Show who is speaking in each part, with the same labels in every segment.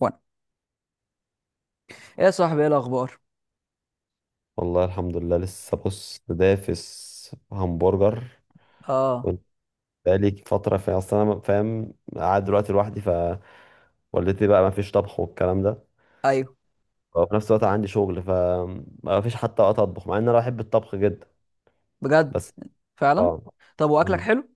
Speaker 1: وانا، ايه يا صاحبي، ايه الاخبار؟
Speaker 2: والله الحمد لله لسه بص دافس همبرجر.
Speaker 1: اه.
Speaker 2: كنت بقالي فترة في، أصل أنا فاهم، قاعد دلوقتي لوحدي فوالدتي بقى ما فيش طبخ والكلام ده.
Speaker 1: ايوه.
Speaker 2: وفي نفس الوقت عندي شغل فما فيش حتى وقت أطبخ مع إن أنا بحب الطبخ جدا
Speaker 1: بجد.
Speaker 2: بس.
Speaker 1: فعلا.
Speaker 2: آه.
Speaker 1: طب واكلك
Speaker 2: مم.
Speaker 1: حلو؟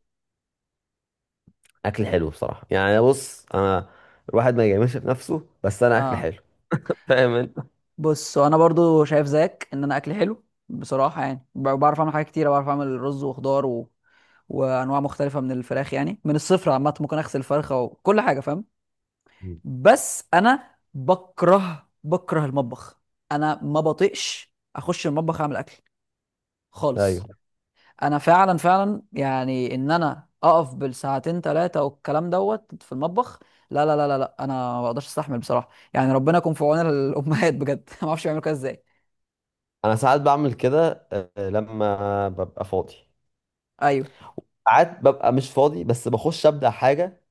Speaker 2: أكل حلو بصراحة، يعني بص أنا الواحد ما يجاملش في نفسه، بس أنا أكل
Speaker 1: اه.
Speaker 2: حلو. فاهم أنت؟
Speaker 1: بص، انا برضو شايف زيك ان انا اكلي حلو. بصراحه يعني بعرف اعمل حاجات كتيره، بعرف اعمل رز وخضار وانواع مختلفه من الفراخ. يعني من الصفر عامه، ممكن اغسل فرخه وكل حاجه، فاهم؟
Speaker 2: مم.
Speaker 1: بس انا بكره المطبخ. انا ما بطيقش اخش المطبخ اعمل اكل
Speaker 2: أيوه.
Speaker 1: خالص. انا فعلا يعني ان انا اقف بالساعتين ثلاثه والكلام دوت في المطبخ، لا لا لا لا لا، انا ما بقدرش استحمل بصراحه. يعني ربنا يكون في عون الامهات بجد ما اعرفش يعملوا كده ازاي.
Speaker 2: أنا ساعات بعمل كده آه، لما ببقى فاضي.
Speaker 1: ايوه.
Speaker 2: ساعات ببقى مش فاضي بس بخش أبدأ حاجة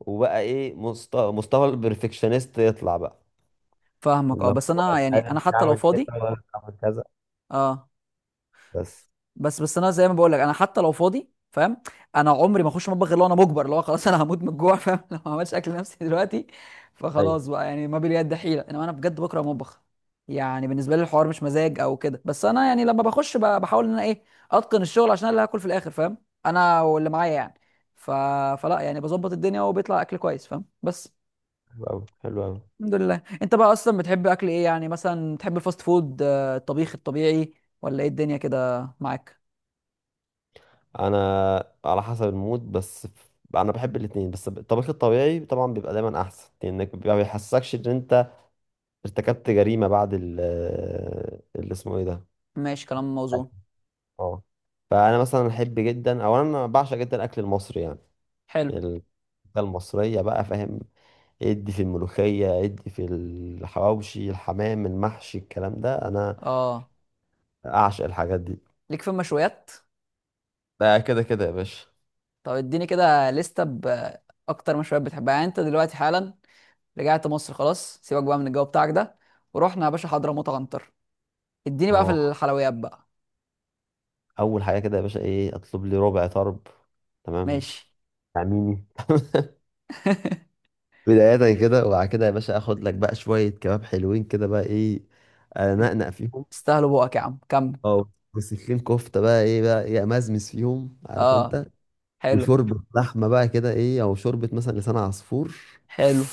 Speaker 2: وبقى ايه، مستوى البرفكشنست يطلع بقى.
Speaker 1: فاهمك. اه
Speaker 2: اللي
Speaker 1: بس
Speaker 2: هو
Speaker 1: انا يعني
Speaker 2: انا
Speaker 1: انا
Speaker 2: مش
Speaker 1: حتى لو
Speaker 2: هعمل كده
Speaker 1: فاضي.
Speaker 2: ولا هعمل كذا
Speaker 1: اه.
Speaker 2: بس.
Speaker 1: بس انا زي ما بقول لك، انا حتى لو فاضي، فاهم؟ انا عمري ما اخش مطبخ الا وانا مجبر، اللي هو خلاص انا هموت من الجوع، فاهم؟ لو ما عملتش اكل لنفسي دلوقتي.
Speaker 2: ايوه.
Speaker 1: فخلاص بقى، يعني ما باليد حيله، انما انا بجد بكره المطبخ. يعني بالنسبه لي الحوار مش مزاج او كده، بس انا يعني لما بخش بحاول ان انا ايه، اتقن الشغل عشان أنا اللي هاكل في الاخر، فاهم؟ انا واللي معايا يعني. ف... فلا يعني بظبط الدنيا وبيطلع اكل كويس، فاهم؟ بس
Speaker 2: حلو قوي حلو قوي.
Speaker 1: الحمد لله. انت بقى اصلا بتحب اكل ايه؟ يعني مثلا بتحب الفاست فود، الطبيخ الطبيعي، ولا ايه الدنيا كده معاك؟
Speaker 2: انا على حسب المود بس ف-، انا بحب الاثنين بس الطبيخ الطبيعي طبعا بيبقى دايما احسن، لانك ما بيحسكش ان انت ارتكبت جريمه بعد ال، اللي اسمه ايه ده.
Speaker 1: ماشي، كلام
Speaker 2: أيوة.
Speaker 1: موزون.
Speaker 2: اه. فانا مثلا احب جدا او انا بعشق جدا الاكل المصري، يعني
Speaker 1: حلو.
Speaker 2: الأكلة المصريه بقى فاهم. ادي في الملوخية، ادي في الحواوشي، الحمام المحشي، الكلام ده انا
Speaker 1: اه،
Speaker 2: اعشق الحاجات دي.
Speaker 1: ليك في المشويات؟
Speaker 2: ده كده كده يا باشا.
Speaker 1: طب اديني كده لستة بأكتر مشويات بتحبها. يعني انت دلوقتي حالا رجعت مصر خلاص، سيبك بقى من الجو بتاعك ده، ورحنا يا باشا حضرموت عنتر. اديني بقى في
Speaker 2: اه،
Speaker 1: الحلويات بقى.
Speaker 2: اول حاجة كده يا باشا ايه، اطلب لي ربع طرب تمام،
Speaker 1: ماشي.
Speaker 2: تعميني. بداية كده، وبعد كده يا باشا اخد لك بقى شوية كباب حلوين كده بقى ايه، انقنق فيهم.
Speaker 1: استاهلوا بقك يا عم، كمل.
Speaker 2: اه، وسكين كفتة بقى ايه بقى ايه، امزمز فيهم عارف
Speaker 1: اه.
Speaker 2: انت.
Speaker 1: حلو.
Speaker 2: وشوربة لحمة بقى كده ايه، او شوربة مثلا لسان عصفور.
Speaker 1: حلو.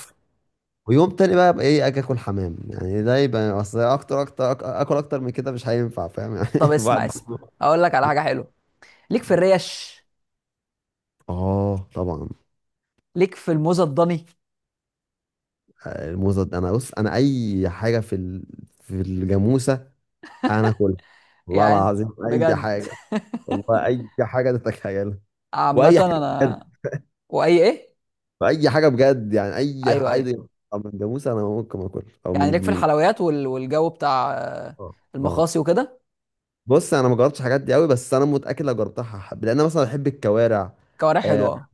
Speaker 2: ويوم تاني بقى ابقى ايه، اجي اكل حمام. يعني ده يبقى اصل، اكتر اكتر أك- اكل اكتر من كده مش هينفع فاهم يعني.
Speaker 1: طب اسمع
Speaker 2: الواحد.
Speaker 1: اسمع، اقول لك على حاجة حلوة. ليك في الريش؟
Speaker 2: اه طبعا.
Speaker 1: ليك في الموزة الضني؟
Speaker 2: الموزة دي-، انا بص انا اي حاجة في ال...، في الجاموسة انا اكلها، والله
Speaker 1: يعني انت،
Speaker 2: العظيم. اي
Speaker 1: بجد؟
Speaker 2: حاجة، والله اي حاجة تتخيلها،
Speaker 1: عامة
Speaker 2: واي حاجة
Speaker 1: انا،
Speaker 2: بجد،
Speaker 1: واي ايه؟
Speaker 2: اي حاجة بجد يعني اي
Speaker 1: ايوه، ايوه.
Speaker 2: حاجة. من جاموسة انا ممكن اكل او
Speaker 1: يعني
Speaker 2: من
Speaker 1: ليك في
Speaker 2: من
Speaker 1: الحلويات والجو بتاع،
Speaker 2: اه. آه.
Speaker 1: المخاصي وكده؟
Speaker 2: بص انا ما جربتش الحاجات دي قوي، بس انا متأكد لو جربتها هحب، لان انا مثلا بحب الكوارع.
Speaker 1: كوارع
Speaker 2: اه.
Speaker 1: حلوه، اه.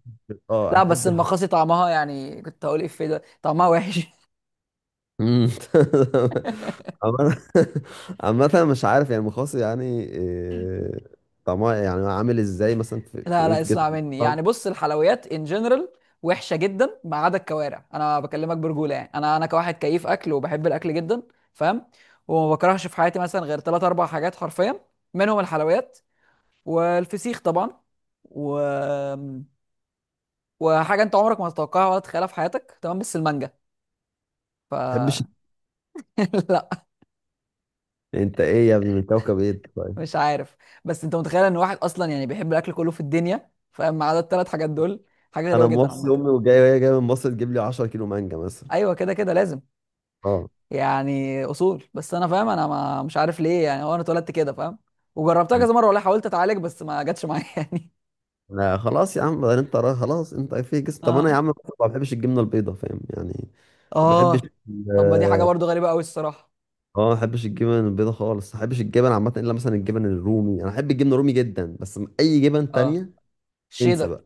Speaker 2: اه
Speaker 1: لا بس
Speaker 2: احب الحاجات.
Speaker 1: المخاصي طعمها، يعني كنت هقول ايه في ده، طعمها وحش
Speaker 2: مم. عامة، عامة مش عارف يعني المخاص يعني إيه، طعمها يعني عامل ازاي مثلا، في في
Speaker 1: لا
Speaker 2: ايه
Speaker 1: لا،
Speaker 2: في جسم،
Speaker 1: اسمع مني
Speaker 2: ما
Speaker 1: يعني. بص، الحلويات ان جنرال وحشه جدا ما عدا الكوارع. انا بكلمك برجوله، يعني انا كواحد كيف اكل، وبحب الاكل جدا، فاهم؟ وما بكرهش في حياتي مثلا غير ثلاث اربع حاجات حرفيا. منهم الحلويات، والفسيخ طبعا، و... وحاجه انت عمرك ما تتوقعها ولا تتخيلها في حياتك، تمام؟ بس المانجا. ف
Speaker 2: تحبش.
Speaker 1: لا.
Speaker 2: انت ايه يا ابني، من كوكب ايه أنت طيب؟
Speaker 1: مش عارف. بس انت متخيل ان واحد اصلا يعني بيحب الاكل كله في الدنيا، فما عدا الثلاث حاجات دول؟ حاجه غريبه
Speaker 2: انا
Speaker 1: جدا
Speaker 2: موصي
Speaker 1: عامه.
Speaker 2: امي وجاي وهي جايه من مصر تجيب لي 10 كيلو مانجا مثلا.
Speaker 1: ايوه كده، كده لازم.
Speaker 2: اه.
Speaker 1: يعني اصول، بس انا فاهم انا ما مش عارف ليه، يعني هو انا اتولدت كده، فاهم؟ وجربتها كذا مره، والله حاولت اتعالج بس ما جاتش معايا يعني.
Speaker 2: لا خلاص يا عم بعدين، انت را- خلاص انت في جسم. طب انا يا
Speaker 1: اه.
Speaker 2: عم ما بحبش الجبنه البيضاء فاهم يعني، ما بحبش
Speaker 1: اه. طب ما دي حاجه
Speaker 2: ال-.
Speaker 1: برضو غريبه قوي الصراحه.
Speaker 2: اه ما بحبش الجبن البيضاء خالص، ما بحبش الجبن عامه، الا مثلا الجبن الرومي، انا احب الجبن الرومي جدا، بس اي جبن
Speaker 1: اه،
Speaker 2: تانية انسى
Speaker 1: الشيدر.
Speaker 2: بقى.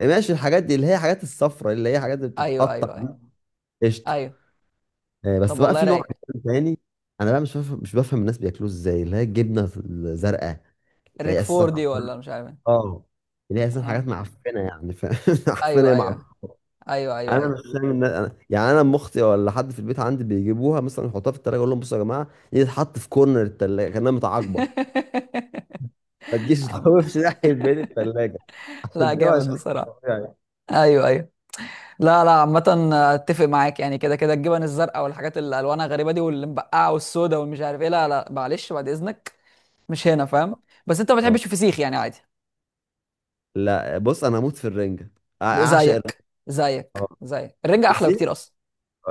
Speaker 2: يعني ماشي الحاجات دي اللي هي حاجات الصفرة اللي هي حاجات اللي
Speaker 1: ايوه
Speaker 2: بتتقطع،
Speaker 1: ايوه ايوه
Speaker 2: قشطة.
Speaker 1: ايوه.
Speaker 2: آه،
Speaker 1: طب
Speaker 2: بس بقى
Speaker 1: والله
Speaker 2: في نوع
Speaker 1: رايق.
Speaker 2: عجيب تاني، انا بقى مش بفهم الناس بياكلوه ازاي، اللي هي الجبنة الزرقاء، اللي
Speaker 1: الريك
Speaker 2: هي اساسا
Speaker 1: فور دي
Speaker 2: حوار-.
Speaker 1: ولا مش عارف ايه.
Speaker 2: اه. اللي هي اساسا حاجات
Speaker 1: اه.
Speaker 2: معفنة يعني ف... معفنة يا
Speaker 1: ايوه ايوه
Speaker 2: معفنة.
Speaker 1: ايوه ايوه
Speaker 2: انا مش
Speaker 1: ايوه
Speaker 2: فاهم الناس أنا... يعني انا ام اختي ولا حد في البيت عندي بيجيبوها مثلا يحطوها في التلاجة، اقول لهم بصوا يا جماعة دي تتحط في كورنر التلاجة كأنها متعاقبة، ما تجيش
Speaker 1: عم-
Speaker 2: تخوفش ناحية بين التلاجة،
Speaker 1: لا،
Speaker 2: عشان دي
Speaker 1: جامد
Speaker 2: مش
Speaker 1: بصراحه.
Speaker 2: طبيعي.
Speaker 1: ايوه ايوه. لا لا، عامة اتفق معاك. يعني كده كده الجبن الزرقاء والحاجات اللي الوانها غريبة دي، والمبقعة والسودا والمش عارف ايه، لا لا، معلش، بعد اذنك، مش هنا، فاهم؟ بس انت ما
Speaker 2: اه.
Speaker 1: بتحبش الفسيخ يعني، عادي.
Speaker 2: لا بص انا هموت في الرنجة، أع- اعشق الرنجة.
Speaker 1: زيك زيك
Speaker 2: آه.
Speaker 1: زيك، الرنجة
Speaker 2: في
Speaker 1: احلى بكتير
Speaker 2: السيخ،
Speaker 1: اصلا.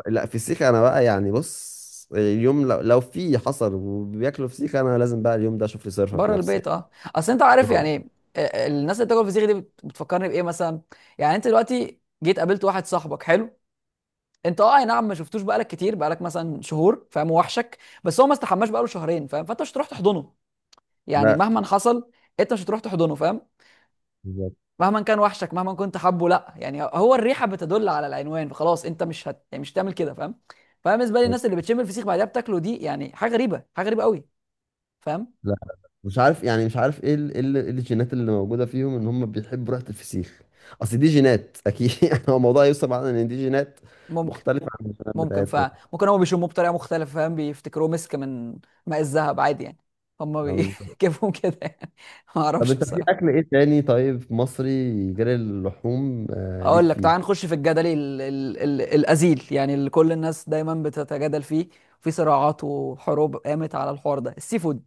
Speaker 2: لا في السيخ انا بقى يعني بص، اليوم لو، لو في حصل وبياكلوا فسيخ انا لازم بقى اليوم ده اشوف لي صرفه في
Speaker 1: بره
Speaker 2: نفسي
Speaker 1: البيت
Speaker 2: يعني.
Speaker 1: اه. اصل انت عارف
Speaker 2: آه.
Speaker 1: يعني، الناس اللي بتاكل فسيخ دي بتفكرني بايه مثلا؟ يعني انت دلوقتي جيت قابلت واحد صاحبك حلو، انت اه اي نعم، ما شفتوش بقالك كتير، بقالك مثلا شهور، فاهم؟ وحشك. بس هو ما استحماش بقاله شهرين، فاهم؟ فانت مش هتروح تحضنه، يعني
Speaker 2: لا.
Speaker 1: مهما حصل انت مش هتروح تحضنه، فاهم؟
Speaker 2: بالظبط.
Speaker 1: مهما كان وحشك، مهما كنت حبه، لا، يعني هو الريحه بتدل على العنوان، فخلاص انت مش هت... يعني مش هتعمل كده، فاهم؟ فانا بالنسبه لي
Speaker 2: آه.
Speaker 1: الناس اللي بتشم الفسيخ بعدها بتاكله دي، يعني حاجه غريبه، حاجه غريبه قوي، فاهم؟
Speaker 2: لا مش عارف يعني مش عارف ايه ال- ايه ال- إيه الجينات اللي موجوده فيهم ان هم بيحبوا ريحه الفسيخ، اصل دي جينات اكيد. يعني هو الموضوع يوصل معانا ان دي جينات
Speaker 1: ممكن.
Speaker 2: مختلفه عن الجينات
Speaker 1: ممكن.
Speaker 2: بتاعتنا.
Speaker 1: فممكن هم بيشموه بطريقه مختلفه، فاهم؟ بيفتكروه مسك من ماء الذهب عادي يعني، هم
Speaker 2: آه، بالظبط.
Speaker 1: بيجيبهم كده يعني. ما
Speaker 2: طب
Speaker 1: اعرفش
Speaker 2: انت في
Speaker 1: بصراحه.
Speaker 2: اكل ايه تاني طيب مصري غير اللحوم؟ آه ليك
Speaker 1: اقول لك، تعال
Speaker 2: فيه.
Speaker 1: نخش في الجدل ال الازيل، يعني اللي كل الناس دايما بتتجادل فيه، في صراعات وحروب قامت على الحوار ده، السي فود.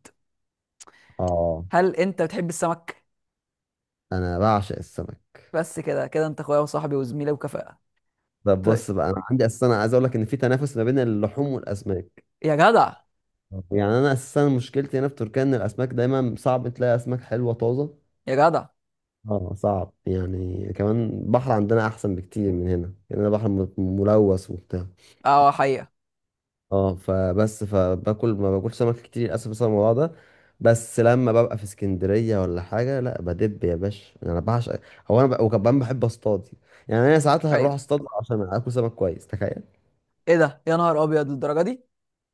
Speaker 2: اه
Speaker 1: هل انت بتحب السمك؟
Speaker 2: انا بعشق السمك.
Speaker 1: بس كده كده انت اخويا وصاحبي وزميلي وكفاءة.
Speaker 2: طب
Speaker 1: طيب.
Speaker 2: بص بقى انا عندي اساسا، أنا عايز اقول لك ان في تنافس ما بين اللحوم والاسماك.
Speaker 1: يا جدع.
Speaker 2: اه يعني انا اساسا مشكلتي هنا في تركيا ان الاسماك دايما صعب تلاقي اسماك حلوه طازه.
Speaker 1: يا جدع.
Speaker 2: اه صعب يعني، كمان البحر عندنا احسن بكتير من هنا، يعني انا بحر م- ملوث وبتاع.
Speaker 1: اه، حقيقة.
Speaker 2: اه فبس فباكل ما باكلش سمك كتير للاسف بسبب الموضوع ده. بس لما ببقى في اسكندريه ولا حاجه، لا بدب يا باشا انا بعشق. هو انا ب... وكمان بحب اصطاد، يعني انا ساعات
Speaker 1: ايوه.
Speaker 2: هروح اصطاد عشان اكل سمك كويس تخيل.
Speaker 1: ايه ده، يا نهار ابيض، للدرجة دي؟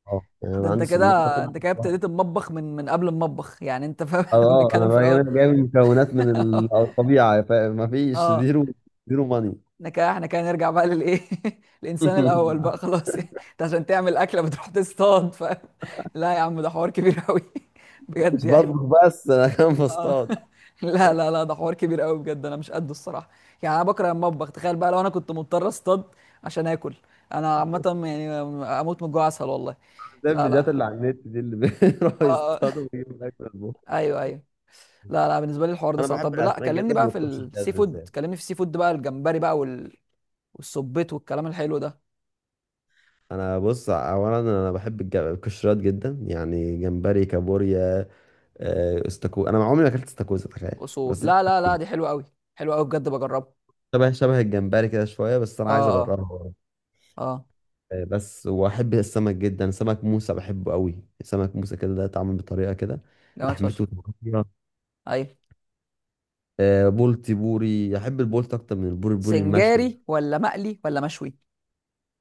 Speaker 2: اه يعني
Speaker 1: ده
Speaker 2: انا
Speaker 1: انت
Speaker 2: عندي
Speaker 1: كده،
Speaker 2: صناره كده.
Speaker 1: انت كده ابتديت المطبخ من قبل المطبخ يعني، انت فاهم؟
Speaker 2: اه.
Speaker 1: إحنا كنا
Speaker 2: آه، انا
Speaker 1: بنتكلم في
Speaker 2: بقى-،
Speaker 1: الاول.
Speaker 2: انا جايب مكونات من ال- الطبيعه فما فيش
Speaker 1: اه.
Speaker 2: زيرو زيرو ماني.
Speaker 1: احنا كده، نرجع بقى للايه، الانسان الاول بقى خلاص يعني انت عشان تعمل اكله بتروح تصطاد، فاهم؟ لا يا عم، ده حوار كبير قوي بجد
Speaker 2: مش
Speaker 1: يعني.
Speaker 2: بطبخ بس انا كمان
Speaker 1: اه.
Speaker 2: بصطاد.
Speaker 1: لا لا لا، ده حوار كبير قوي بجد، انا مش قده الصراحه. يعني انا بكره المطبخ، تخيل بقى لو انا كنت مضطر اصطاد عشان اكل. انا عامه يعني اموت من الجوع اسهل، والله.
Speaker 2: زي
Speaker 1: لا
Speaker 2: الفيديوهات اللي
Speaker 1: لا.
Speaker 2: على النت دي اللي بيروحوا
Speaker 1: اه.
Speaker 2: يصطادوا ويجيبوا الاكل يطبخوا.
Speaker 1: ايوه ايوه. لا لا، بالنسبه لي الحوار ده
Speaker 2: انا
Speaker 1: صعب.
Speaker 2: بحب
Speaker 1: طب لا
Speaker 2: الاسماك
Speaker 1: كلمني
Speaker 2: جدا
Speaker 1: بقى في
Speaker 2: والقشريات
Speaker 1: السي فود،
Speaker 2: بالذات.
Speaker 1: كلمني في السي فود بقى، الجمبري بقى والسبيط والكلام الحلو ده.
Speaker 2: انا بص اولا انا بحب الج- القشريات جدا، يعني جمبري كابوريا. آه، استاكوزا انا عمري ما اكلت استاكوزا تخيل
Speaker 1: اصول،
Speaker 2: بس،
Speaker 1: لا لا لا، دي حلوه قوي، حلوه قوي بجد، بجربها.
Speaker 2: شبه الجمبري كده شويه بس انا
Speaker 1: اه.
Speaker 2: عايز
Speaker 1: اه.
Speaker 2: اجربها.
Speaker 1: اه.
Speaker 2: آه، بس واحب السمك جدا، سمك موسى بحبه قوي، سمك موسى كده ده اتعمل بطريقه كده
Speaker 1: جامد فشخ.
Speaker 2: لحمته طرية.
Speaker 1: ايوه.
Speaker 2: آه، بولتي بوري احب البولت اكتر من البوري، البوري المشوي.
Speaker 1: سنجاري ولا مقلي ولا مشوي؟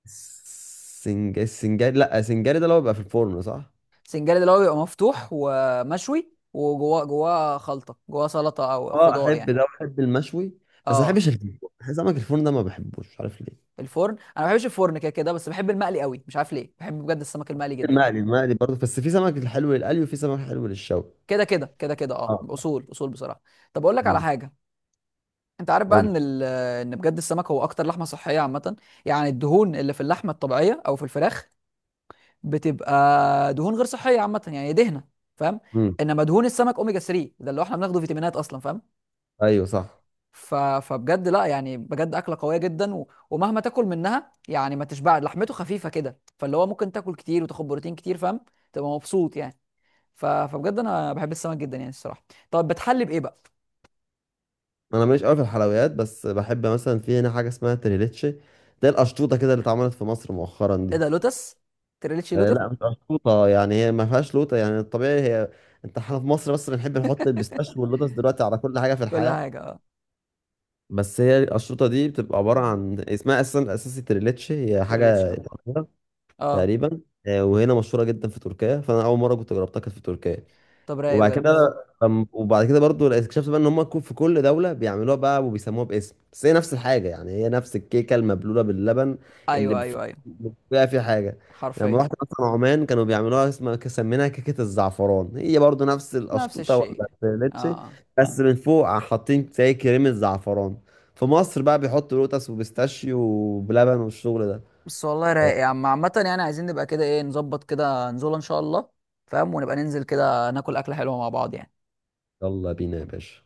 Speaker 2: السنج... السنجاري، لا السنجاري ده اللي هو بيبقى في الفرن صح.
Speaker 1: سنجاري ده اللي هو بيبقى مفتوح ومشوي، وجواه خلطه، جواه سلطه او
Speaker 2: اه
Speaker 1: خضار
Speaker 2: احب
Speaker 1: يعني.
Speaker 2: ده واحب المشوي، بس ما
Speaker 1: اه.
Speaker 2: بحبش الفرن، سمك الفرن ده ما بحبوش مش عارف ليه.
Speaker 1: الفرن انا ما بحبش الفرن كده كده، بس بحب المقلي قوي، مش عارف ليه، بحب بجد السمك المقلي جدا.
Speaker 2: المقلي، المقلي برضه، بس في سمك الحلو للقلي وفي سمك حلو للشوي.
Speaker 1: كده كده اه،
Speaker 2: اه.
Speaker 1: اصول بصراحه. طب اقول لك على
Speaker 2: مم.
Speaker 1: حاجه، انت عارف بقى ان
Speaker 2: قول.
Speaker 1: ان بجد السمك هو اكتر لحمه صحيه عامه؟ يعني الدهون اللي في اللحمه الطبيعيه او في الفراخ بتبقى دهون غير صحيه عامه، يعني دهنه، فاهم؟
Speaker 2: مم.
Speaker 1: انما دهون السمك، اوميجا 3 ده اللي هو احنا بناخده فيتامينات اصلا، فاهم؟
Speaker 2: ايوه صح.
Speaker 1: فبجد لا، يعني بجد اكله قويه جدا، ومهما تاكل منها يعني ما تشبع، لحمته خفيفه كده، فاللي هو ممكن تاكل كتير وتاخد بروتين كتير، فاهم؟ تبقى مبسوط يعني. فبجد انا بحب السمك جدا يعني الصراحه. طب بتحلي بايه بقى؟
Speaker 2: انا ماليش قوي في الحلويات، بس بحب مثلا في هنا حاجه اسمها تريليتشي، ده القشطوطه كده اللي اتعملت في مصر مؤخرا دي.
Speaker 1: ايه ده، لوتس؟ تريليتشي
Speaker 2: آه،
Speaker 1: لوتس؟
Speaker 2: لا مش قشطوطه يعني هي ما فيهاش لوطه يعني الطبيعي هي. انت احنا في مصر بس بنحب نحط البيستاشيو واللوتس دلوقتي على كل حاجه في
Speaker 1: كل
Speaker 2: الحياه.
Speaker 1: حاجه، اه.
Speaker 2: بس هي القشطوطه دي بتبقى عباره عن، اسمها اساسا اساسي تريليتشي، هي
Speaker 1: تريليتشي،
Speaker 2: حاجه
Speaker 1: اه.
Speaker 2: إيطالية
Speaker 1: اه.
Speaker 2: تقريبا. آه، وهنا مشهوره جدا في تركيا، فانا اول مره كنت جربتها كانت في تركيا.
Speaker 1: طب رايق
Speaker 2: وبعد
Speaker 1: بجد.
Speaker 2: كده، أم- وبعد كده برضو اكتشفت بقى ان هم كو-، في كل دوله بيعملوها بقى وبيسموها باسم، بس هي نفس الحاجه، يعني هي نفس الكيكه المبلوله باللبن اللي
Speaker 1: ايوه
Speaker 2: بف-
Speaker 1: ايوه ايوه،
Speaker 2: بيبقى فيها حاجه. لما
Speaker 1: حرفيا،
Speaker 2: رحت مثلا عمان كانوا بيعملوها اسمها سميناها كيكه الزعفران، هي برضو نفس
Speaker 1: نفس
Speaker 2: القشطوطه
Speaker 1: الشيء.
Speaker 2: ولا الفيليتشي،
Speaker 1: اه.
Speaker 2: بس من فوق حاطين زي كريمه زعفران. في مصر بقى بيحطوا لوتس وبيستاشيو وبلبن والشغل ده.
Speaker 1: بس والله رايق يا عم عامة، يعني عايزين نبقى كده ايه، نظبط كده نزوله ان شاء الله، فاهم؟ ونبقى ننزل كده ناكل اكلة حلوة مع بعض يعني.
Speaker 2: يلا بينا يا باشا.